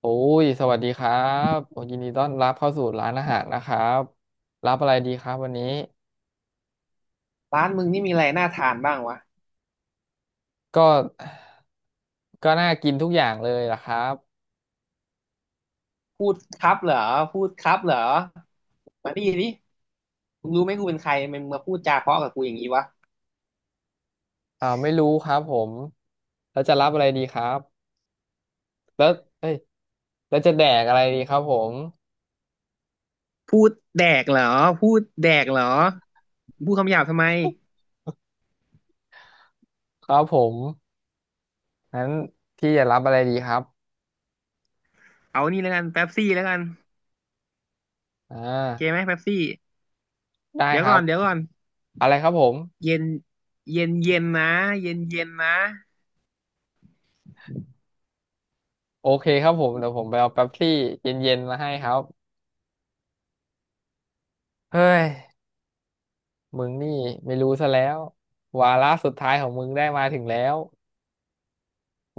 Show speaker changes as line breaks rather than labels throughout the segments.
โอ้ยสวัสดีครับโอ้ยินดีต้อนรับเข้าสู่ร้านอาหารนะครับรับอะไรดีครับวันนี้
ร้านมึงนี่มีอะไรน่าทานบ้างวะ
ก็ก็น่ากินทุกอย่างเลยล่ะครับ
พูดครับเหรอพูดครับเหรอมาดิดิมึงรู้ไหมกูเป็นใครมึงมาพูดจาเพราะกับกูอย่างนี้วะ
ไม่รู้ครับผมแล้วจะรับอะไรดีครับแล้วเอ้ยแล้วจะแดกอะไรดีครับผม
พูดแดกเหรอพูดแดกเหรอพูดคำหยาบทำไม
ครับผมงั้นพี่จะรับอะไรดีครับ
เอานี่แล้วกันเป๊ปซี่แล้วกัน
อ่
โอเคไห
า
มเป๊ปซี่
ได้
เดี๋ยว
ครั
ก่อ
บ
นเดี๋ยวก่อน
อะไรครับผม
เย็นเย็นเย็นนะเย็นเย็นนะ
โอเคครับผมเดี๋ยวผมไปเอาเป๊ปซี่เย็นๆมาให้ครับเฮ้ย มึงนี่ไม่รู้ซะแล้ววาระสุดท้ายของมึงได้มาถึงแล้ว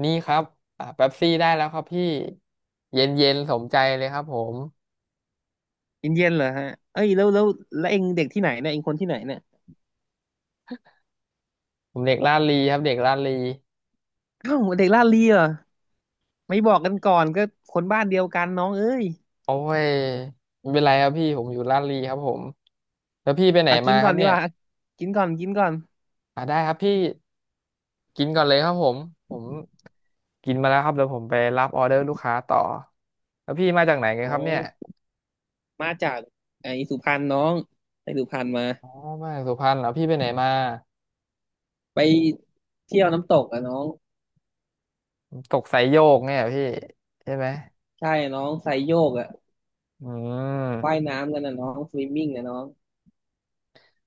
นี่ครับเป๊ปซี่ได้แล้วครับพี่เย็นเย็นสมใจเลยครับผม
เย็นเย็นเหรอฮะเอ้ยแล้วเองเด็กที่ไหนเนี่ยเองคนที่ไหนเนี่ย
ผมเด็กลาดลีครับเด็กลาดลี
อ้าวเด็กลาดเลียเหรอไม่บอกกันก่อนก็คนบ้านเดียวกันน้องเอ้ย
โอ้ยไม่เป็นไรครับพี่ผมอยู่ลาดลีครับผมแล้วพี่ไปไหน
อ่ะกิ
มา
น
ค
ก่อ
รั
น
บ
ดี
เนี่
ก
ย
ว่าอ่ะกินก่อนกินก่อน
ได้ครับพี่กินก่อนเลยครับผมผมกินมาแล้วครับเดี๋ยวผมไปรับออเดอร์ลูกค้าต่อแล้วพี่มาจากไหนกัน
อ๋อ
ครับเนี่ย
มาจากไอ้สุพรรณน้องไปสุพรรณมา
อ๋อมาจากสุพรรณเหรอพี่ไปไหนมา
ไปเที่ยวน้ำตกอะน้อง
ตกสายโยกเนี่ยเหรอพี่ใช่ไหม
ใช่น้องไซโยกอะ
อื
ว่า
ม
ยน้ำกันนะน้องสวิมมิ่งอะน้อง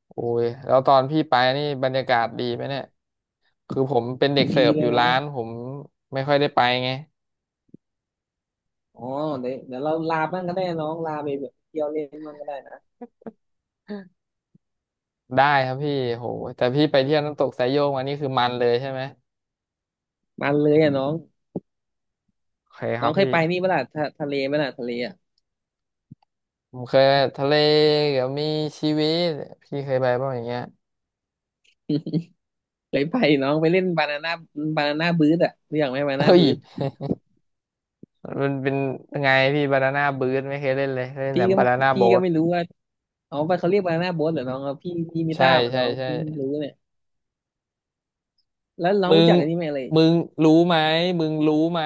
โอ้ยแล้วตอนพี่ไปนี่บรรยากาศดีไหมเนี่ยคือผมเป็นเด็กเสิ
ดี
ร์ฟ
เล
อ
ย
ยู่
น้อ
ร้า
ง
นผมไม่ค่อยได้ไปไง
อ๋อเดี๋ยวเดี๋ยวเราลาบ้างก็ได้น้องลาไปแบบเที่ยวเล่นบ้างก็ได้นะ
ได้ครับพี่โหแต่พี่ไปเที่ยวน้ำตกสายโยกมานี่คือมันเลยใช่ไหม
มาเลยอะน้อง
โอเคค
น้
รั
อ
บ
งเคย
พี่
ไปนี่ปะล่ะทะเลปะล่ะทะเลอะ
ผมเคยทะเลกับมีชีวิตพี่เคยไปบ้างอย่างเงี้ย
เคยไปน้องไปเล่นบานาน่าบานาน่าบูทอะรู้จักไหมบานาน่า
เฮ้ย
บูท
มันเป็นไงพี่บานาน่าบ๊ทไม่เคยเล่นเลยเคยเล่น
พี่
แต่
ก็
บานาน่า
พี่
โบ๊
ก็
ท
ไม่รู้ว่า อ๋อไปเขาเรียกบานาน่าโบ๊ทเหรอน้องครับพี่พี่ไม่
ใช่
ทราบอะ
ใช่
น้อง
ใช่
เพิ่งรู้เนี่ยแล้วน้อง
มึ
รู้
ง
จักอันนี้ไหมเลย
มึงรู้ไหมมึงรู้ไหม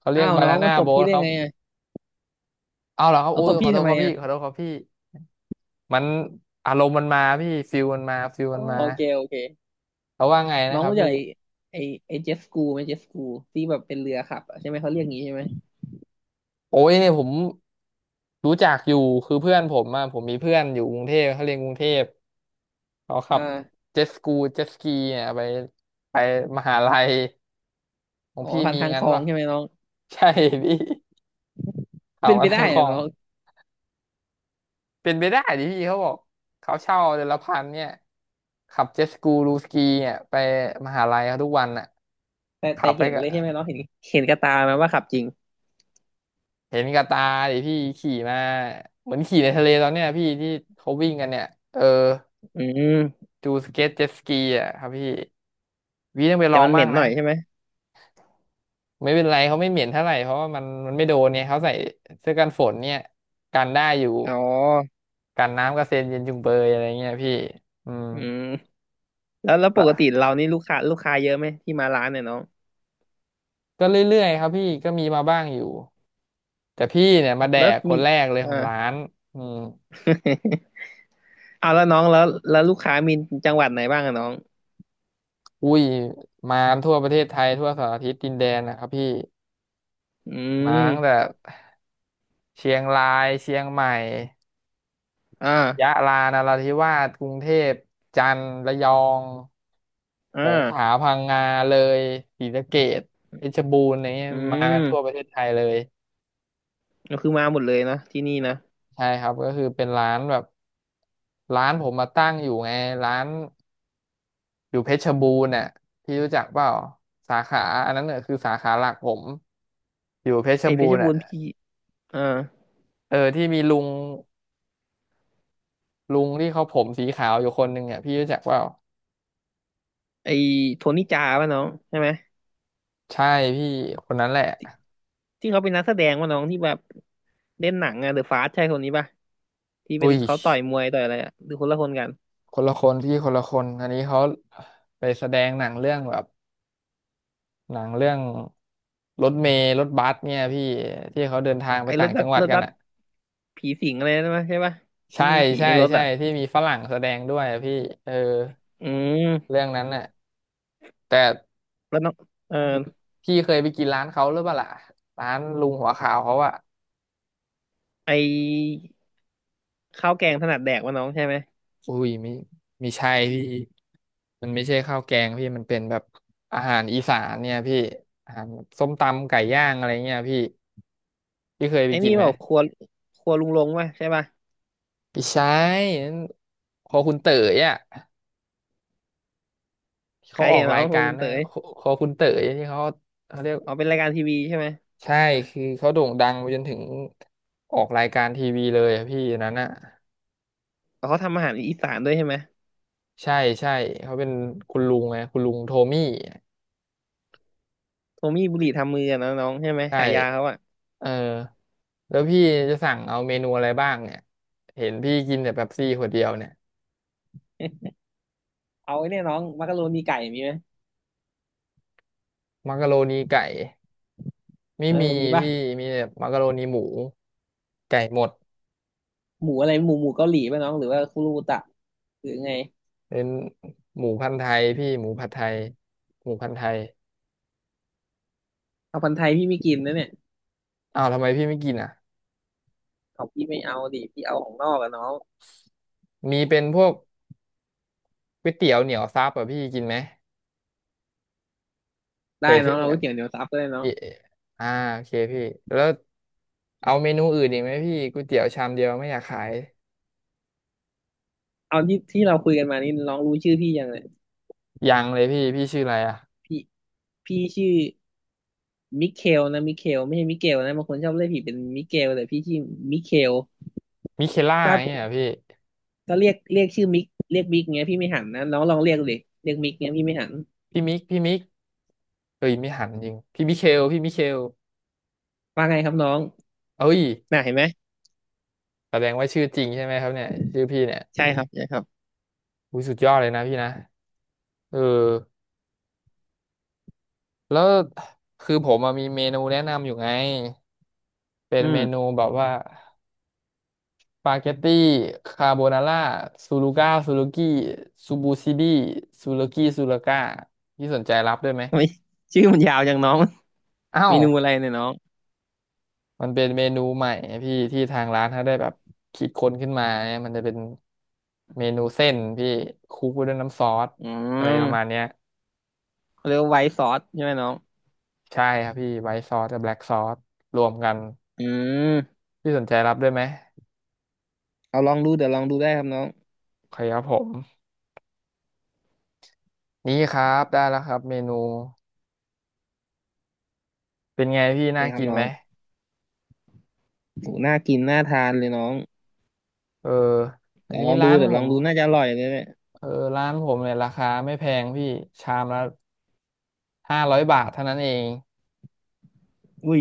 เขาเรีย
อ้า
ก
ว
บา
น้อ
นา
ง
น่า
มาตบ
โบ๊
พี่
ท
ได้
ครับ
ไงอ่ะ
เอาเหรอครับ
เอา
โอ้
ต
ย
บ
ขอ
พี่
โท
ทำ
ษค
ไม
รับพี่
อ่ะ
ขอโทษครับพี่มันอารมณ์มันมาพี่ฟิลมันมาฟิล
อ๋
มั
อ
นมา
โอเคโอเค
แล้วว่าไง
น้
นะ
อง
ครับ
รู้จั
พี่
กไอ้ไอ้เจฟกูไหมเจฟกูที่แบบเป็นเรือขับอะใช่ไหมเขาเรียกงี้ใช่ไหม
โอ้ยเนี่ยผมรู้จักอยู่คือเพื่อนผมอะผมมีเพื่อนอยู่กรุงเทพเขาเรียนกรุงเทพเขา
อ
ขับ
่า
เจ็ตสกีเนี่ยไปมหาลัยของ
อ๋อ
พี่
ผ่าน
มี
ทางค
งั้น
ลอง
ป่ะ
ใช่ไหมน้อง
ใช่พี่ เขา
เป็นไป
มา
ได้
ทั้งก
อะ
อง
น้อง
เป็นไปได้ดิพี่เขาบอกเขาเช่าเดือนละพันเนี่ยขับเจ็ตสกูรูสกีเนี่ยไปมหาลัยเขาทุกวันอ่ะ
แต่
ขั
แต่
บไป
เห็น
กับ
เลยใช่ไหมน้องเห็นเห็นกระตาไหมว่าขับจริง
เห็นกับตาดิพี่ขี่มาเหมือนขี่ในทะเลตอนเนี้ยพี่ที่เขาวิ่งกันเนี่ยเออ
อืม
ดูสเก็ตเจ็ตสกีอ่ะครับพี่วีต้องไปล
แต่
อง
มันเห
บ้า
ม็
ง
นห
นะ
น่อยใช่ไหม
ไม่เป็นไรเขาไม่เหม็นเท่าไหร่เพราะว่ามันไม่โดนเนี่ยเขาใส่เสื้อกันฝนเนี่ยกันได้อยู่
อ๋อ
กันน้ำกระเซ็นเย็นจุงเบยอะไรเงี้ยพี่อืม
อืมแล้วป
แล้ว
กติเรานี่ลูกค้าเยอะไหมที่มาร้านเนี่ยน้อง
ก็เรื่อยๆครับพี่ก็มีมาบ้างอยู่แต่พี่เนี่ยมาแด
แล้ว
กค
มี
นแรกเลยของ
อ่า
ร้านอืม
เอาแล้วน้องแล้วลูกค้ามีจังหวัดไหนบ้างอะน้อง
อุ้ยมาทั่วประเทศไทยทั่วสารทิศดินแดนนะครับพี่
อื
มาตั้งแต่
ม
เชียงรายเชียงใหม่
อ่า
ยะลานราธิวาสกรุงเทพจันทร์ระยอง
อ่า
สงขลาพังงาเลยศรีสะเกษเพชรบูรณ์อะไรเงี้ย
อื
มากันทั่วป
ม
ระเทศไทยเลย
ก็คือมาหมดเลยนะที่นี่นะ
ใช่ครับก็คือเป็นร้านแบบร้านผมมาตั้งอยู่ไงร้านอยู่เพชรบูรณ์น่ะพี่รู้จักเปล่าสาขาอันนั้นเนี่ยคือสาขาหลักผมอยู่เพชร
ไอ้เพ
บู
ช
ร
ร
ณ์
บู
น่ะ
รณ์พี่อ่า
เออที่มีลุงที่เขาผมสีขาวอยู่คนหนึ่งอ่ะพี่รู้จักเปล่า
ไอ้โทนี่จาป่ะน้องใช่ไหม
ใช่พี่คนนั้นแหละ
ที่เขาเป็นนักแสดงป่ะน้องที่แบบเล่นหนังอะเดอะฟาสใช่คนนี้ป่ะที่เป็น
อุ้ย
เขาต่อยมวยต่อยอะไรอะหรือคนละคนกัน
คนละคนพี่คนละคนอันนี้เขาไปแสดงหนังเรื่องแบบหนังเรื่องรถเมล์รถบัสเนี่ยพี่ที่เขาเดินทางไป
ไอ้ร
ต่า
ถ
ง
บั
จั
ส
งหวัด
รถ
กัน
บัส
อ่ะ
ผีสิงอะไรนะใช่ป่ะที่
ใช่
มีผี
ใช่
ในรถ
ใช่
อะ
ที่มีฝรั่งแสดงด้วยอะพี่เออ
อืม
เรื่องนั้นน่ะแต่
แล้วน้องเออ
พี่เคยไปกินร้านเขาหรือเปล่าล่ะร้านลุงหัวขาวเขาอ่ะ
ไอ้ข้าวแกงถนัดแดกป่ะน้องใช่ไหม
อุ้ยไม่ใช่พี่มันไม่ใช่ข้าวแกงพี่มันเป็นแบบอาหารอีสานเนี่ยพี่อาหารแบบส้มตำไก่ย่างอะไรเงี้ยพี่พี่เคยไป
ไอ้
กิ
นี่
นไหม
บอกครัวครัวลุงลงป่ะใช่ป่ะ
ไม่ใช่นันคอคุณเต๋ยอ่ะที่
ใค
เขา
ร
ออ
เห็
ก
นน้
รา
อ
ย
งครั
กา
ว
ร
คุณ
นะ
เต๋ย
คอคุณเต๋ยที่เขาเขาเรียก
อ๋อเป็นรายการทีวีใช่ไหม
ใช่คือเขาโด่งดังไปจนถึงออกรายการทีวีเลยอะพี่อันนั้นอ่ะ
อ๋อเขาทำอาหารอีสานด้วยใช่ไหม
ใช่ใช่เขาเป็นคุณลุงไงคุณลุงโทมี่
โทมี่บุหรี่ทำมืออะนะน้องใช่ไหม
ใช
ฉายาเขา
่
อะ
เออ แล้วพี่จะสั่งเอาเมนูอะไรบ้างเนี่ย เห็นพี่กินแต่เป๊ปซี่ขวดเดียวเนี่ย
เอาไอ้เนี่ยน้องมักกะโรนีไก่มีไหม
มักกะโรนีไก่ไม่
เออ
มี
มีป่ะ
พี่ มีแต่มักกะโรนีหมู ไก่หมด
หมูอะไรหมูหมูเกาหลีป่ะน้องหรือว่าคุรูตะหรือไง
เป็นหมูพันธุ์ไทยพี่หมูผัดไทยหมูพันธุ์ไทย
เอาพันธุ์ไทยพี่ไม่กินนะเนี่ย
อ้าวทำไมพี่ไม่กินอ่ะ
ของพี่ไม่เอาดิพี่เอาของนอกอะน้อง
มีเป็นพวกก๋วยเตี๋ยวเหนียวซับอ่ะพี่กินไหม
ได้
ใส่
น้อ
เส้
ง
น
เอา
เนี่ย
ก๋วยเตี๋ยวเหนียวซับก็ได้น้อง
พี่อ่าโอเคพี่แล้วเอาเมนูอื่นอีกไหมพี่ก๋วยเตี๋ยวชามเดียวไม่อยากขาย
เอาที่ที่เราคุยกันมานี่น้องรู้ชื่อพี่ยังเนี่ย
ยังเลยพี่พี่ชื่ออะไรอ่ะ
พี่พี่ชื่อ มิเคลนะมิเคลไม่ใช่มิเกลนะบางคนชอบเรียกผิดเป็นมิเกลแต่พี่ชื่อมิเคล
มิเคล่า
ถ้า
อย่างเงี้ยเหรอพี่
ถ้าเรียกชื่อมิกเรียกมิกเงี้ยพี่ไม่หันนะน้องลองเรียกดิเรียกมิกเงี้ยพี่ไม่หัน
พี่มิกพี่มิกเอ้ยไม่หันจริงพี่มิเคลพี่มิเคล
ว่าไงครับน้อง
เอ้ย
น่ะเห็นไหม
แสดงว่าชื่อจริงใช่ไหมครับเนี่ยชื่อพี่เนี่ย
ใช่ครับใช่ครับ
อุ้ยสุดยอดเลยนะพี่นะเออ แล้วคือผมอะมีเมนูแนะนำอยู่ไงเป็น
อื
เมนู
ม
แบบว่าสปาเกตตี้คาโบนาร่าซูลูก้าซูลูกี้ซูบูซิดี้ซูลูกี้ซูลูก้าพี่สนใจรับด้วยไหม
ทำไมชื่อมันยาวจังน้อง
เอ้า
เม
ว
นูอะไรเนี่ยน้อง
มันเป็นเมนูใหม่พี่ที่ทางร้านเขาได้แบบคิดค้นขึ้นมาเนี่ยมันจะเป็นเมนูเส้นพี่คลุกไว้ด้วยน้ำซอส
อื
อะไรประมาณ
ม
เนี้ย
เขาเรียกว่าไวท์ซอสใช่ไหมน้อง
ใช่ครับพี่ไวท์ซอสกับแบล็กซอสรวมกัน
อืม
พี่สนใจรับด้วยไหม
เอาลองดูเดี๋ยวลองดูได้ครับน้อง
โอเคครับผม นี่ครับได้แล้วครับเมนูเป็นไงพี่
โอเค
น่า
ครับ
กิน
น้อ
ไหม
งโหน่ากินน่าทานเลยน้อง
เอออัน
เดี๋ยว
นี้
ลองดู
ร้าน
เดี๋ย
ผ
วลอง
ม
ดูน่าจะอร่อยเลยเนี่ย
เออร้านผมเนี่ยราคาไม่แพงพี่ชามละห้าร้อยบาทเท่านั้นเอง
อุ้ย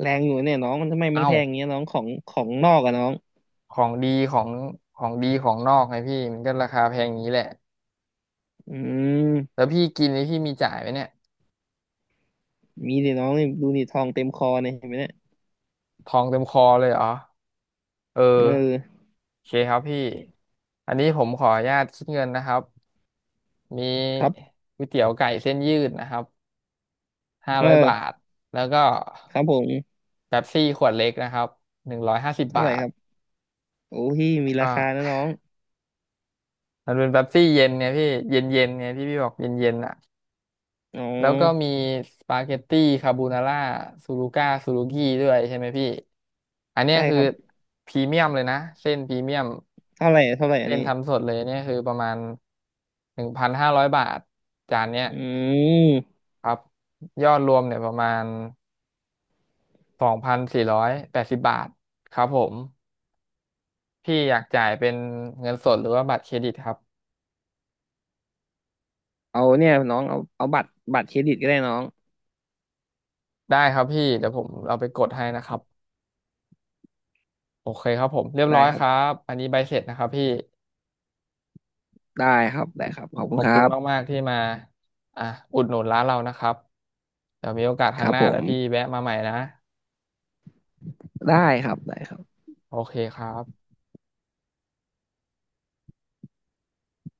แรงอยู่เนี่ยน้องมันทำไมมัน
เอ้า
แพงอย่างเงี้ยน้องของนอกอะน้อง
ของดีของของดีของนอกไงพี่มันก็ราคาแพงอย่างนี้แหละ
อื
แล้
ม
วพี่กินนี่พี่มีจ่ายไหมเนี่ย
มีดิน้องนี่ดูดิทองเต็มคอเนี่ยเห็นไหมเนี่ย
ทองเต็มคอเลยเหรอเอ
เออ
อโอเคครับพี่อันนี้ผมขออนุญาตคิดเงินนะครับมี
ครับ
ก๋วยเตี๋ยวไก่เส้นยืดนะครับห้า
เ
ร้อยบา
ออ
ทแล้วก็
ครับผม
เป๊ปซี่ขวดเล็กนะครับหนึ่งร้อยห้าสิบ
เท่า
บา
ไหร่
ท
ครับโอ้พี่
แล้
มี
วก็
ราคานะน้อง
มันเป็นเป๊ปซี่เย็นไงพี่เย็นเย็นไงที่พี่บอกเย็นเย็นอ่ะ
อ๋อ
แล้วก็มีสปาเกตตี้คาโบนาร่าซูรุก้าซูรุกี้ด้วยใช่ไหมพี่ อันเนี้ย
ใช่
คื
ค
อ
รับ
พรีเมียมเลยนะเส้นพรีเมียม
เท่าไหร่เท่าไหร่อัน
เส้น
นี้
ทำสดเลยเนี่ยคือประมาณ1,500 บาทจานเนี้ย
อืม
ครับยอดรวมเนี่ยประมาณ2,480 บาทครับผมพี่อยากจ่ายเป็นเงินสดหรือว่าบัตรเครดิตครับ
เอาเนี่ยน้องเอาเอาบัตรเครดิตก็ได้น้อง
ได้ครับพี่เดี๋ยวผมเอาไปกดให้นะครับโอเคครับผมเรียบ
ได้
ร้อย
ค
ค
รั
รั
บ
บอันนี้ใบเสร็จนะครับพี่
ได้ครับได้ครับขอบ
ข
คุ
อ
ณ
บ
ครั
คุณ
บ
มากๆที่มาอ่ะอุดหนุนร้านเรานะครับเดี๋ยวมีโอกาสค
ค
รั้ง
รั
ห
บ
น้า
ผ
เดี๋ย
ม
วพี่แวะมาใหม่นะ
ได้ครับได้ครับ
โอเคครับ